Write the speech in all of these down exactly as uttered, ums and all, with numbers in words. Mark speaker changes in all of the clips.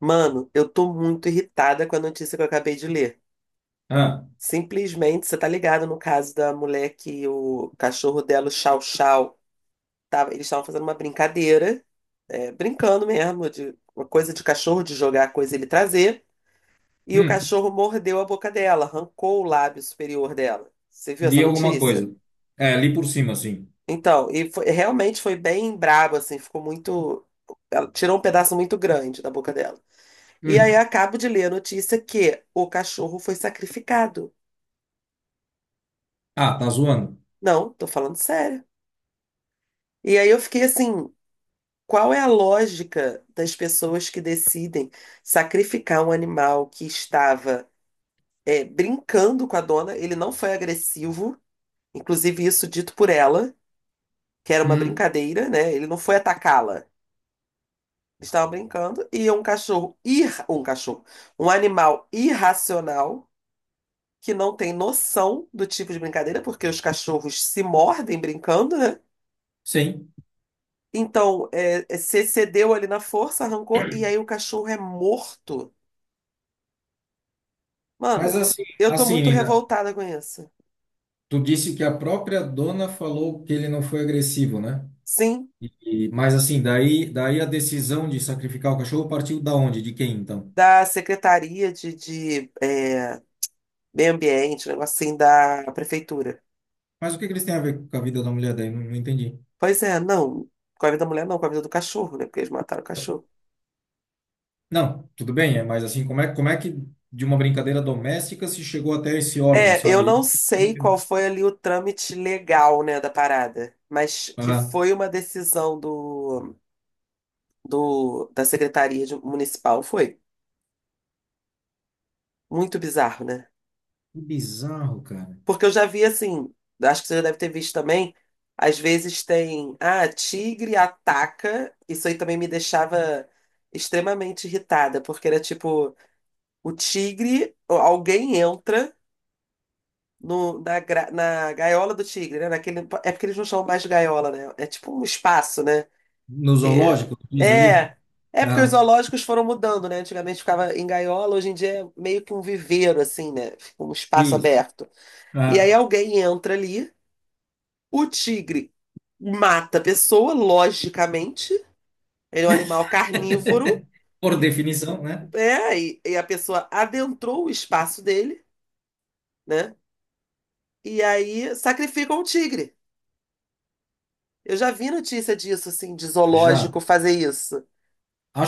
Speaker 1: Mano, eu tô muito irritada com a notícia que eu acabei de ler.
Speaker 2: Ah,
Speaker 1: Simplesmente, você tá ligado no caso da mulher que o cachorro dela, o Chow Chow, tava, eles estavam fazendo uma brincadeira, é, brincando mesmo, de uma coisa de cachorro, de jogar a coisa e ele trazer, e o
Speaker 2: hum,
Speaker 1: cachorro mordeu a boca dela, arrancou o lábio superior dela. Você viu essa
Speaker 2: li alguma coisa.
Speaker 1: notícia?
Speaker 2: É, li por cima, assim.
Speaker 1: Então, e foi- realmente foi bem brabo, assim, ficou muito. Ela tirou um pedaço muito grande da boca dela. E aí eu
Speaker 2: Hum.
Speaker 1: acabo de ler a notícia que o cachorro foi sacrificado.
Speaker 2: Ah, tá zoando?
Speaker 1: Não, tô falando sério. E aí eu fiquei assim, qual é a lógica das pessoas que decidem sacrificar um animal que estava é, brincando com a dona? Ele não foi agressivo, inclusive isso dito por ela, que era uma
Speaker 2: Hum,
Speaker 1: brincadeira, né? Ele não foi atacá-la. Eles estavam brincando e um cachorro, ir, um cachorro, um animal irracional que não tem noção do tipo de brincadeira, porque os cachorros se mordem brincando, né?
Speaker 2: sim.
Speaker 1: Então, é, é, se cedeu ali na força, arrancou, e aí o cachorro é morto.
Speaker 2: Mas
Speaker 1: Mano,
Speaker 2: assim,
Speaker 1: eu tô
Speaker 2: assim,
Speaker 1: muito
Speaker 2: Nina,
Speaker 1: revoltada com isso.
Speaker 2: tu disse que a própria dona falou que ele não foi agressivo, né?
Speaker 1: Sim,
Speaker 2: E, mas assim, daí, daí a decisão de sacrificar o cachorro partiu da onde? De quem, então?
Speaker 1: da Secretaria de, de é, Meio Ambiente, um negócio assim, da Prefeitura.
Speaker 2: Mas o que que eles têm a ver com a vida da mulher daí? Não, não entendi.
Speaker 1: Pois é, não. Com a vida da mulher, não, com a vida do cachorro, né? Porque eles mataram o cachorro.
Speaker 2: Não, tudo bem, é, mas assim, como é, como é que de uma brincadeira doméstica se chegou até esse órgão,
Speaker 1: É, eu
Speaker 2: sabe?
Speaker 1: não sei qual foi ali o trâmite legal, né, da parada, mas que
Speaker 2: Ah,
Speaker 1: foi uma decisão do do, da Secretaria de- Municipal. Foi muito bizarro, né?
Speaker 2: que bizarro, cara.
Speaker 1: Porque eu já vi assim, acho que você já deve ter visto também, às vezes tem, ah, tigre ataca. Isso aí também me deixava extremamente irritada, porque era tipo, o tigre, ou alguém entra no, na, gra- na gaiola do tigre, né? Naquele, é porque eles não chamam mais de gaiola, né? É tipo um espaço, né?
Speaker 2: No
Speaker 1: Que
Speaker 2: zoológico, tu diz ali?
Speaker 1: é, é porque os
Speaker 2: Não.
Speaker 1: zoológicos foram mudando, né? Antigamente ficava em gaiola, hoje em dia é meio que um viveiro assim, né? Fica um espaço
Speaker 2: Isso.
Speaker 1: aberto. E aí
Speaker 2: Ah,
Speaker 1: alguém entra ali, o tigre mata a pessoa, logicamente. Ele é um animal carnívoro.
Speaker 2: por
Speaker 1: E,
Speaker 2: definição, né?
Speaker 1: é, e, e a pessoa adentrou o espaço dele, né? E aí sacrificam o tigre. Eu já vi notícia disso, assim, de
Speaker 2: Já.
Speaker 1: zoológico fazer isso.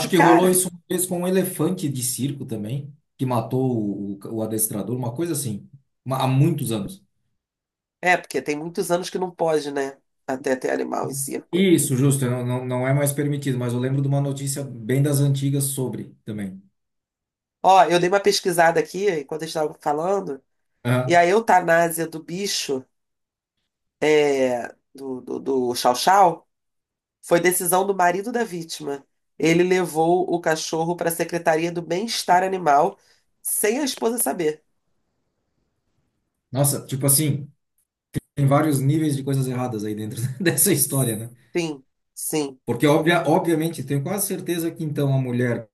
Speaker 1: E,
Speaker 2: que rolou
Speaker 1: cara,
Speaker 2: isso uma vez com um elefante de circo também, que matou o, o- o adestrador, uma coisa assim, uma- há muitos anos.
Speaker 1: é, porque tem muitos anos que não pode, né? Até ter animal em circo.
Speaker 2: Isso, justo, não, não, não é mais permitido, mas eu lembro de uma notícia bem das antigas sobre também.
Speaker 1: Ó, eu dei uma pesquisada aqui enquanto a gente tava falando, e
Speaker 2: Aham.
Speaker 1: a eutanásia do bicho, é, do, do, do Chow Chow, foi decisão do marido da vítima. Ele levou o cachorro para a Secretaria do Bem-Estar Animal sem a esposa saber.
Speaker 2: Nossa, tipo assim, tem vários níveis de coisas erradas aí dentro dessa história, né?
Speaker 1: Sim, sim,
Speaker 2: Porque, obvia, obviamente, tenho quase certeza que então a mulher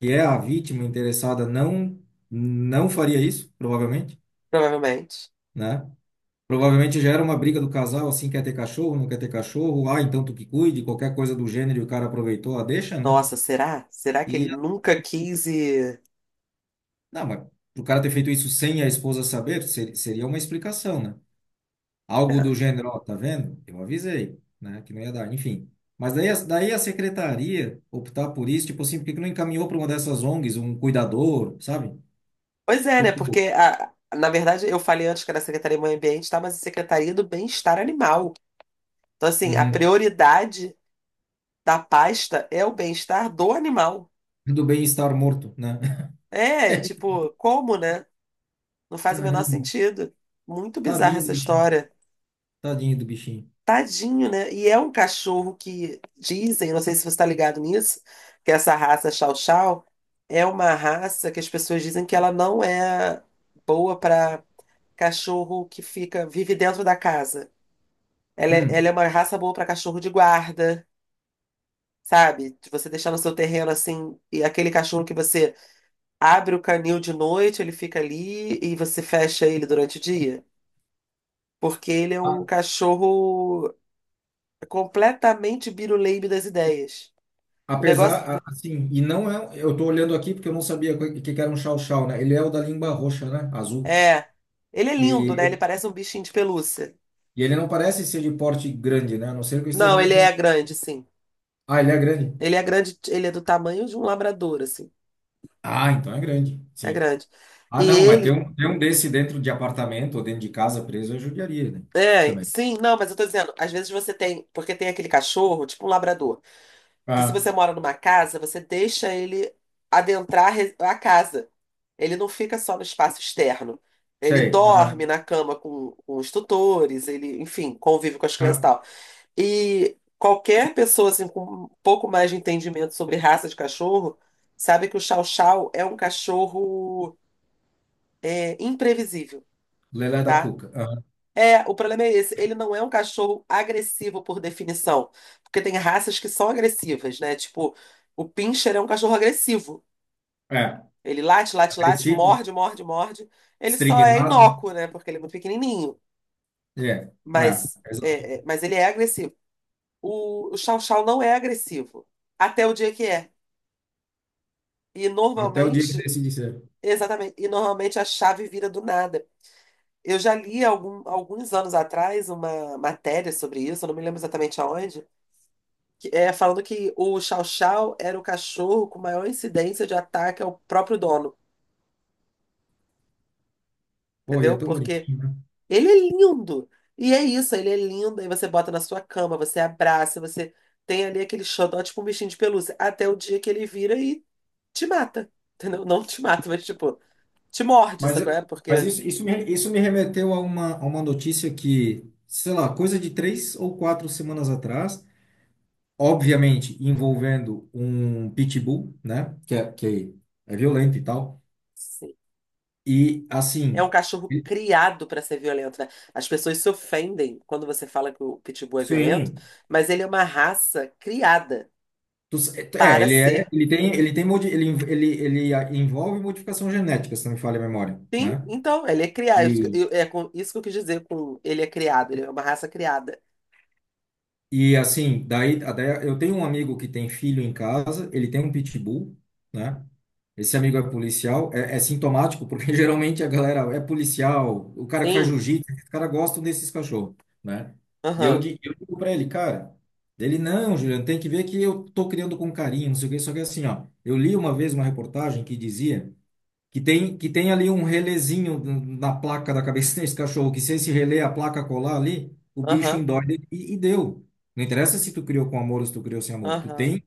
Speaker 2: que é a vítima interessada, não não faria isso, provavelmente,
Speaker 1: provavelmente.
Speaker 2: né? Provavelmente já era uma briga do casal, assim, quer ter cachorro, não quer ter cachorro, ah, então tu que cuide, qualquer coisa do gênero, e o cara aproveitou a deixa, né?
Speaker 1: Nossa, será? Será que ele
Speaker 2: E,
Speaker 1: nunca quis e...
Speaker 2: não, mas pro cara ter feito isso sem a esposa saber, ser- seria uma explicação, né? Algo do gênero, ó, tá vendo? Eu avisei, né, que não ia dar, enfim. Mas daí, a- daí a secretaria optar por isso, tipo assim, por que que não encaminhou para uma dessas ONGs, um cuidador, sabe?
Speaker 1: Pois é, né?
Speaker 2: Tipo.
Speaker 1: Porque, a, na verdade, eu falei antes que era Secretaria do Meio Ambiente, tá? Mas a Secretaria do Bem-Estar Animal. Então, assim, a
Speaker 2: Uhum.
Speaker 1: prioridade da pasta é o bem-estar do animal.
Speaker 2: Do bem-estar morto, né?
Speaker 1: É, tipo, como, né? Não faz o menor
Speaker 2: Caramba,
Speaker 1: sentido. Muito bizarra
Speaker 2: tadinho do
Speaker 1: essa
Speaker 2: bichinho.
Speaker 1: história.
Speaker 2: Tadinho do bichinho.
Speaker 1: Tadinho, né? E é um cachorro que dizem, não sei se você está ligado nisso, que essa raça Chow Chow é uma raça que as pessoas dizem que ela não é boa para cachorro que fica, vive dentro da casa. Ela é, ela
Speaker 2: Hum.
Speaker 1: é uma raça boa pra cachorro de guarda, sabe? De Você deixar no seu terreno assim, e aquele cachorro que você abre o canil de noite, ele fica ali e você fecha ele durante o dia. Porque ele é
Speaker 2: A-
Speaker 1: um cachorro completamente biruleibe das ideias. O
Speaker 2: Apesar,
Speaker 1: negócio
Speaker 2: a- assim, e não é. um, Eu tô olhando aqui porque eu não sabia o que que era um chow-chow, né? Ele é o da língua roxa, né? Azul.
Speaker 1: é. Ele é lindo, né? Ele
Speaker 2: E,
Speaker 1: parece um bichinho de pelúcia.
Speaker 2: e ele não parece ser de porte grande, né? A não ser que eu esteja
Speaker 1: Não, ele
Speaker 2: muito.
Speaker 1: é
Speaker 2: Em.
Speaker 1: grande, sim.
Speaker 2: Ah, ele é grande.
Speaker 1: Ele é grande, ele é do tamanho de um labrador, assim.
Speaker 2: Ah, então é grande.
Speaker 1: É
Speaker 2: Sim.
Speaker 1: grande.
Speaker 2: Ah,
Speaker 1: E
Speaker 2: não, mas ter
Speaker 1: ele
Speaker 2: um, ter um desse dentro de apartamento ou dentro de casa preso é judiaria, né?
Speaker 1: é,
Speaker 2: Também.
Speaker 1: sim, não, mas eu tô dizendo, às vezes você tem, porque tem aquele cachorro, tipo um labrador, que se
Speaker 2: Ah,
Speaker 1: você mora numa casa, você deixa ele adentrar a re- a casa. Ele não fica só no espaço externo. Ele
Speaker 2: sei. Ah,
Speaker 1: dorme na cama com, com os tutores, ele, enfim, convive com as crianças e
Speaker 2: ah.
Speaker 1: tal. E qualquer pessoa assim, com um pouco mais de entendimento sobre raça de cachorro, sabe que o Chow Chow é um cachorro é, imprevisível.
Speaker 2: Lelé da
Speaker 1: Tá?
Speaker 2: Cuca.
Speaker 1: É, o problema é esse. Ele não é um cachorro agressivo por definição. Porque tem raças que são agressivas, né? Tipo, o Pinscher é um cachorro agressivo.
Speaker 2: Ah, é.
Speaker 1: Ele late, late, late,
Speaker 2: Agressivo,
Speaker 1: morde, morde, morde. Ele só é
Speaker 2: estrignado.
Speaker 1: inócuo, né? Porque ele é muito pequenininho.
Speaker 2: É. É.
Speaker 1: Mas, é, é, mas ele é agressivo. O, o Chow Chow não é agressivo. Até o dia que é. E
Speaker 2: Até o dia que
Speaker 1: normalmente,
Speaker 2: decidi ser.
Speaker 1: exatamente, e normalmente a chave vira do nada. Eu já li algum, alguns anos atrás uma matéria sobre isso, eu não me lembro exatamente aonde que- é, falando que o Chow Chow era o cachorro com maior incidência de ataque ao próprio dono,
Speaker 2: Pô, e é
Speaker 1: entendeu?
Speaker 2: tão
Speaker 1: Porque
Speaker 2: bonitinho, né?
Speaker 1: ele é lindo. E é isso, ele é lindo. Aí você bota na sua cama, você abraça, você tem ali aquele xodó, tipo um bichinho de pelúcia, até o dia que ele vira e te mata, entendeu? Não te mata, mas tipo, te morde,
Speaker 2: Mas,
Speaker 1: sabe qual
Speaker 2: eu-
Speaker 1: é?
Speaker 2: mas
Speaker 1: Porque
Speaker 2: isso, isso, me, isso me remeteu a uma, a uma notícia que, sei lá, coisa de três ou quatro semanas atrás, obviamente envolvendo um pitbull, né? Que é, que é violento e tal.
Speaker 1: sim,
Speaker 2: E,
Speaker 1: é um
Speaker 2: assim,
Speaker 1: cachorro
Speaker 2: ele-
Speaker 1: criado para ser violento, né? As pessoas se ofendem quando você fala que o Pitbull é violento,
Speaker 2: sim.
Speaker 1: mas ele é uma raça criada
Speaker 2: Tu s- É,
Speaker 1: para
Speaker 2: ele é,
Speaker 1: ser.
Speaker 2: ele tem, ele tem, modi- ele, env- ele, ele ah, envolve modificação genética, se não me falha a memória,
Speaker 1: Sim,
Speaker 2: né?
Speaker 1: então, ele é criado. Isso que eu, é com- isso que eu quis dizer com ele é criado, ele é uma raça criada.
Speaker 2: E assim, daí, daí eu tenho um amigo que tem filho em casa, ele tem um pitbull, né? Esse amigo é policial, é, é sintomático, porque geralmente a galera é policial, o cara que faz
Speaker 1: Sim,
Speaker 2: jiu-jitsu, os caras gostam desses cachorros, né? E eu,
Speaker 1: aham,
Speaker 2: di- eu digo pra ele, cara, ele, não, Juliano, tem que ver que eu tô criando com carinho, não sei o quê, só que assim, ó, eu li uma vez uma reportagem que dizia que tem, que tem ali um relézinho na placa da cabeça desse cachorro, que se esse relé, a placa colar ali, o bicho
Speaker 1: aham,
Speaker 2: endoide e, e deu. Não interessa se tu criou com amor ou se tu criou sem amor. Tu
Speaker 1: aham,
Speaker 2: tem,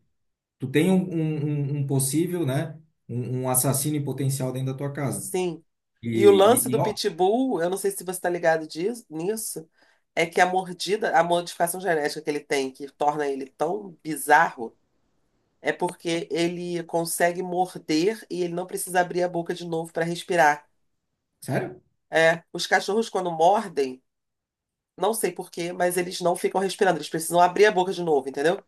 Speaker 2: tu tem um, um, um- um possível, né? Um, um assassino em potencial dentro da tua casa.
Speaker 1: sim.
Speaker 2: E,
Speaker 1: E o lance
Speaker 2: e, e,
Speaker 1: do
Speaker 2: ó,
Speaker 1: pitbull, eu não sei se você está ligado disso, nisso, é que a mordida, a modificação genética que ele tem, que torna ele tão bizarro, é porque ele consegue morder e ele não precisa abrir a boca de novo para respirar.
Speaker 2: sério?
Speaker 1: É, os cachorros, quando mordem, não sei por quê, mas eles não ficam respirando, eles precisam abrir a boca de novo, entendeu?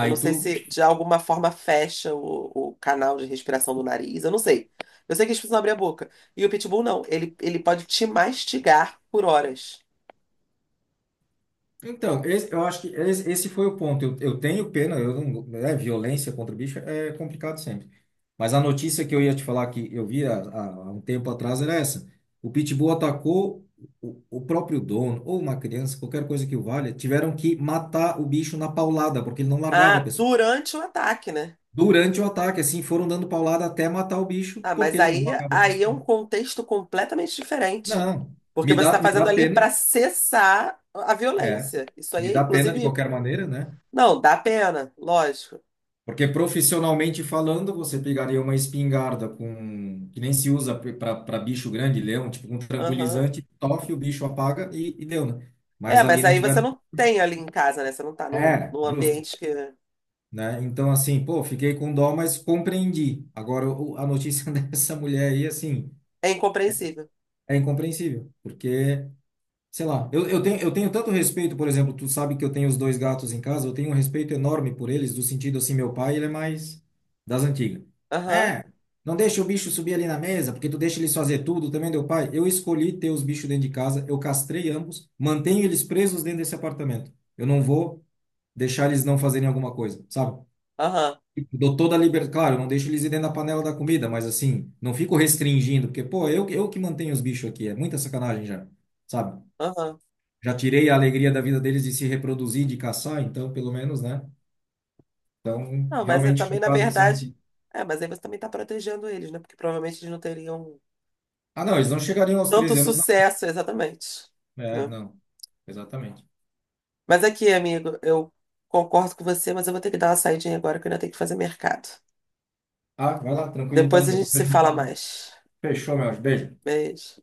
Speaker 1: Eu não sei
Speaker 2: tu.
Speaker 1: se de alguma forma fecha o, o canal de respiração do nariz, eu não sei. Eu sei que eles precisam abrir a boca. E o pitbull não, ele, ele pode te mastigar por horas.
Speaker 2: Então, esse- eu acho que esse esse foi o ponto. Eu, eu tenho pena, eu não, né, violência contra o bicho é complicado sempre. Mas a notícia que eu ia te falar que eu vi há, há- há um tempo atrás era essa. O Pitbull atacou o, o próprio dono, ou uma criança, qualquer coisa que o valha, tiveram que matar o bicho na paulada, porque ele não
Speaker 1: Ah,
Speaker 2: largava a pessoa.
Speaker 1: durante o ataque, né?
Speaker 2: Durante o ataque, assim, foram dando paulada até matar o bicho,
Speaker 1: Ah,
Speaker 2: porque
Speaker 1: mas
Speaker 2: ele não
Speaker 1: aí,
Speaker 2: largava a
Speaker 1: aí é um
Speaker 2: pessoa.
Speaker 1: contexto completamente diferente.
Speaker 2: Não,
Speaker 1: Porque
Speaker 2: me
Speaker 1: você está
Speaker 2: dá, me dá
Speaker 1: fazendo ali
Speaker 2: pena,
Speaker 1: para cessar a
Speaker 2: é,
Speaker 1: violência. Isso
Speaker 2: me
Speaker 1: aí,
Speaker 2: dá pena de
Speaker 1: inclusive,
Speaker 2: qualquer maneira, né?
Speaker 1: não, dá pena, lógico.
Speaker 2: Porque profissionalmente falando, você pegaria uma espingarda com que nem se usa para bicho grande, leão, tipo um
Speaker 1: Aham.
Speaker 2: tranquilizante, tofe, o bicho apaga e, e deu, né?
Speaker 1: É,
Speaker 2: Mas ali
Speaker 1: mas
Speaker 2: não
Speaker 1: aí você
Speaker 2: tiveram.
Speaker 1: não tem ali em casa, né? Você não tá num,
Speaker 2: É,
Speaker 1: num
Speaker 2: justo,
Speaker 1: ambiente que é
Speaker 2: né? Então, assim, pô, fiquei com dó, mas compreendi. Agora, o- a notícia dessa mulher aí, assim,
Speaker 1: incompreensível.
Speaker 2: é incompreensível, porque sei lá, eu, eu tenho, eu tenho tanto respeito, por exemplo, tu sabe que eu tenho os dois gatos em casa, eu tenho um respeito enorme por eles, do sentido assim, meu pai, ele é mais das antigas.
Speaker 1: Aham,
Speaker 2: É, não deixa o bicho subir ali na mesa, porque tu deixa eles fazer tudo, também deu pai. Eu escolhi ter os bichos dentro de casa, eu castrei ambos, mantenho eles presos dentro desse apartamento. Eu não vou deixar eles não fazerem alguma coisa, sabe?
Speaker 1: aham.
Speaker 2: Dou toda a liberdade, claro, eu não deixo eles ir dentro da panela da comida, mas assim, não fico restringindo, porque, pô, eu, eu que mantenho os bichos aqui, é muita sacanagem já, sabe?
Speaker 1: Aham.
Speaker 2: Já tirei a alegria da vida deles de se reproduzir, de caçar, então, pelo menos, né? Então,
Speaker 1: Não, mas é
Speaker 2: realmente
Speaker 1: também, na
Speaker 2: chocado com essa
Speaker 1: verdade.
Speaker 2: notícia.
Speaker 1: É, mas aí você também está protegendo eles, né? Porque provavelmente eles não teriam
Speaker 2: Ah, não, eles não chegariam aos
Speaker 1: tanto
Speaker 2: treze anos, não.
Speaker 1: sucesso, exatamente.
Speaker 2: É,
Speaker 1: Né?
Speaker 2: não. Exatamente.
Speaker 1: Mas aqui, amigo, eu concordo com você, mas eu vou ter que dar uma saidinha agora que eu ainda tenho que fazer mercado.
Speaker 2: Ah, vai lá, tranquilo
Speaker 1: Depois
Speaker 2: então,
Speaker 1: a gente
Speaker 2: depois a
Speaker 1: se
Speaker 2: gente
Speaker 1: fala
Speaker 2: fala.
Speaker 1: mais.
Speaker 2: Fechou, meu anjo. Beijo.
Speaker 1: Beijo.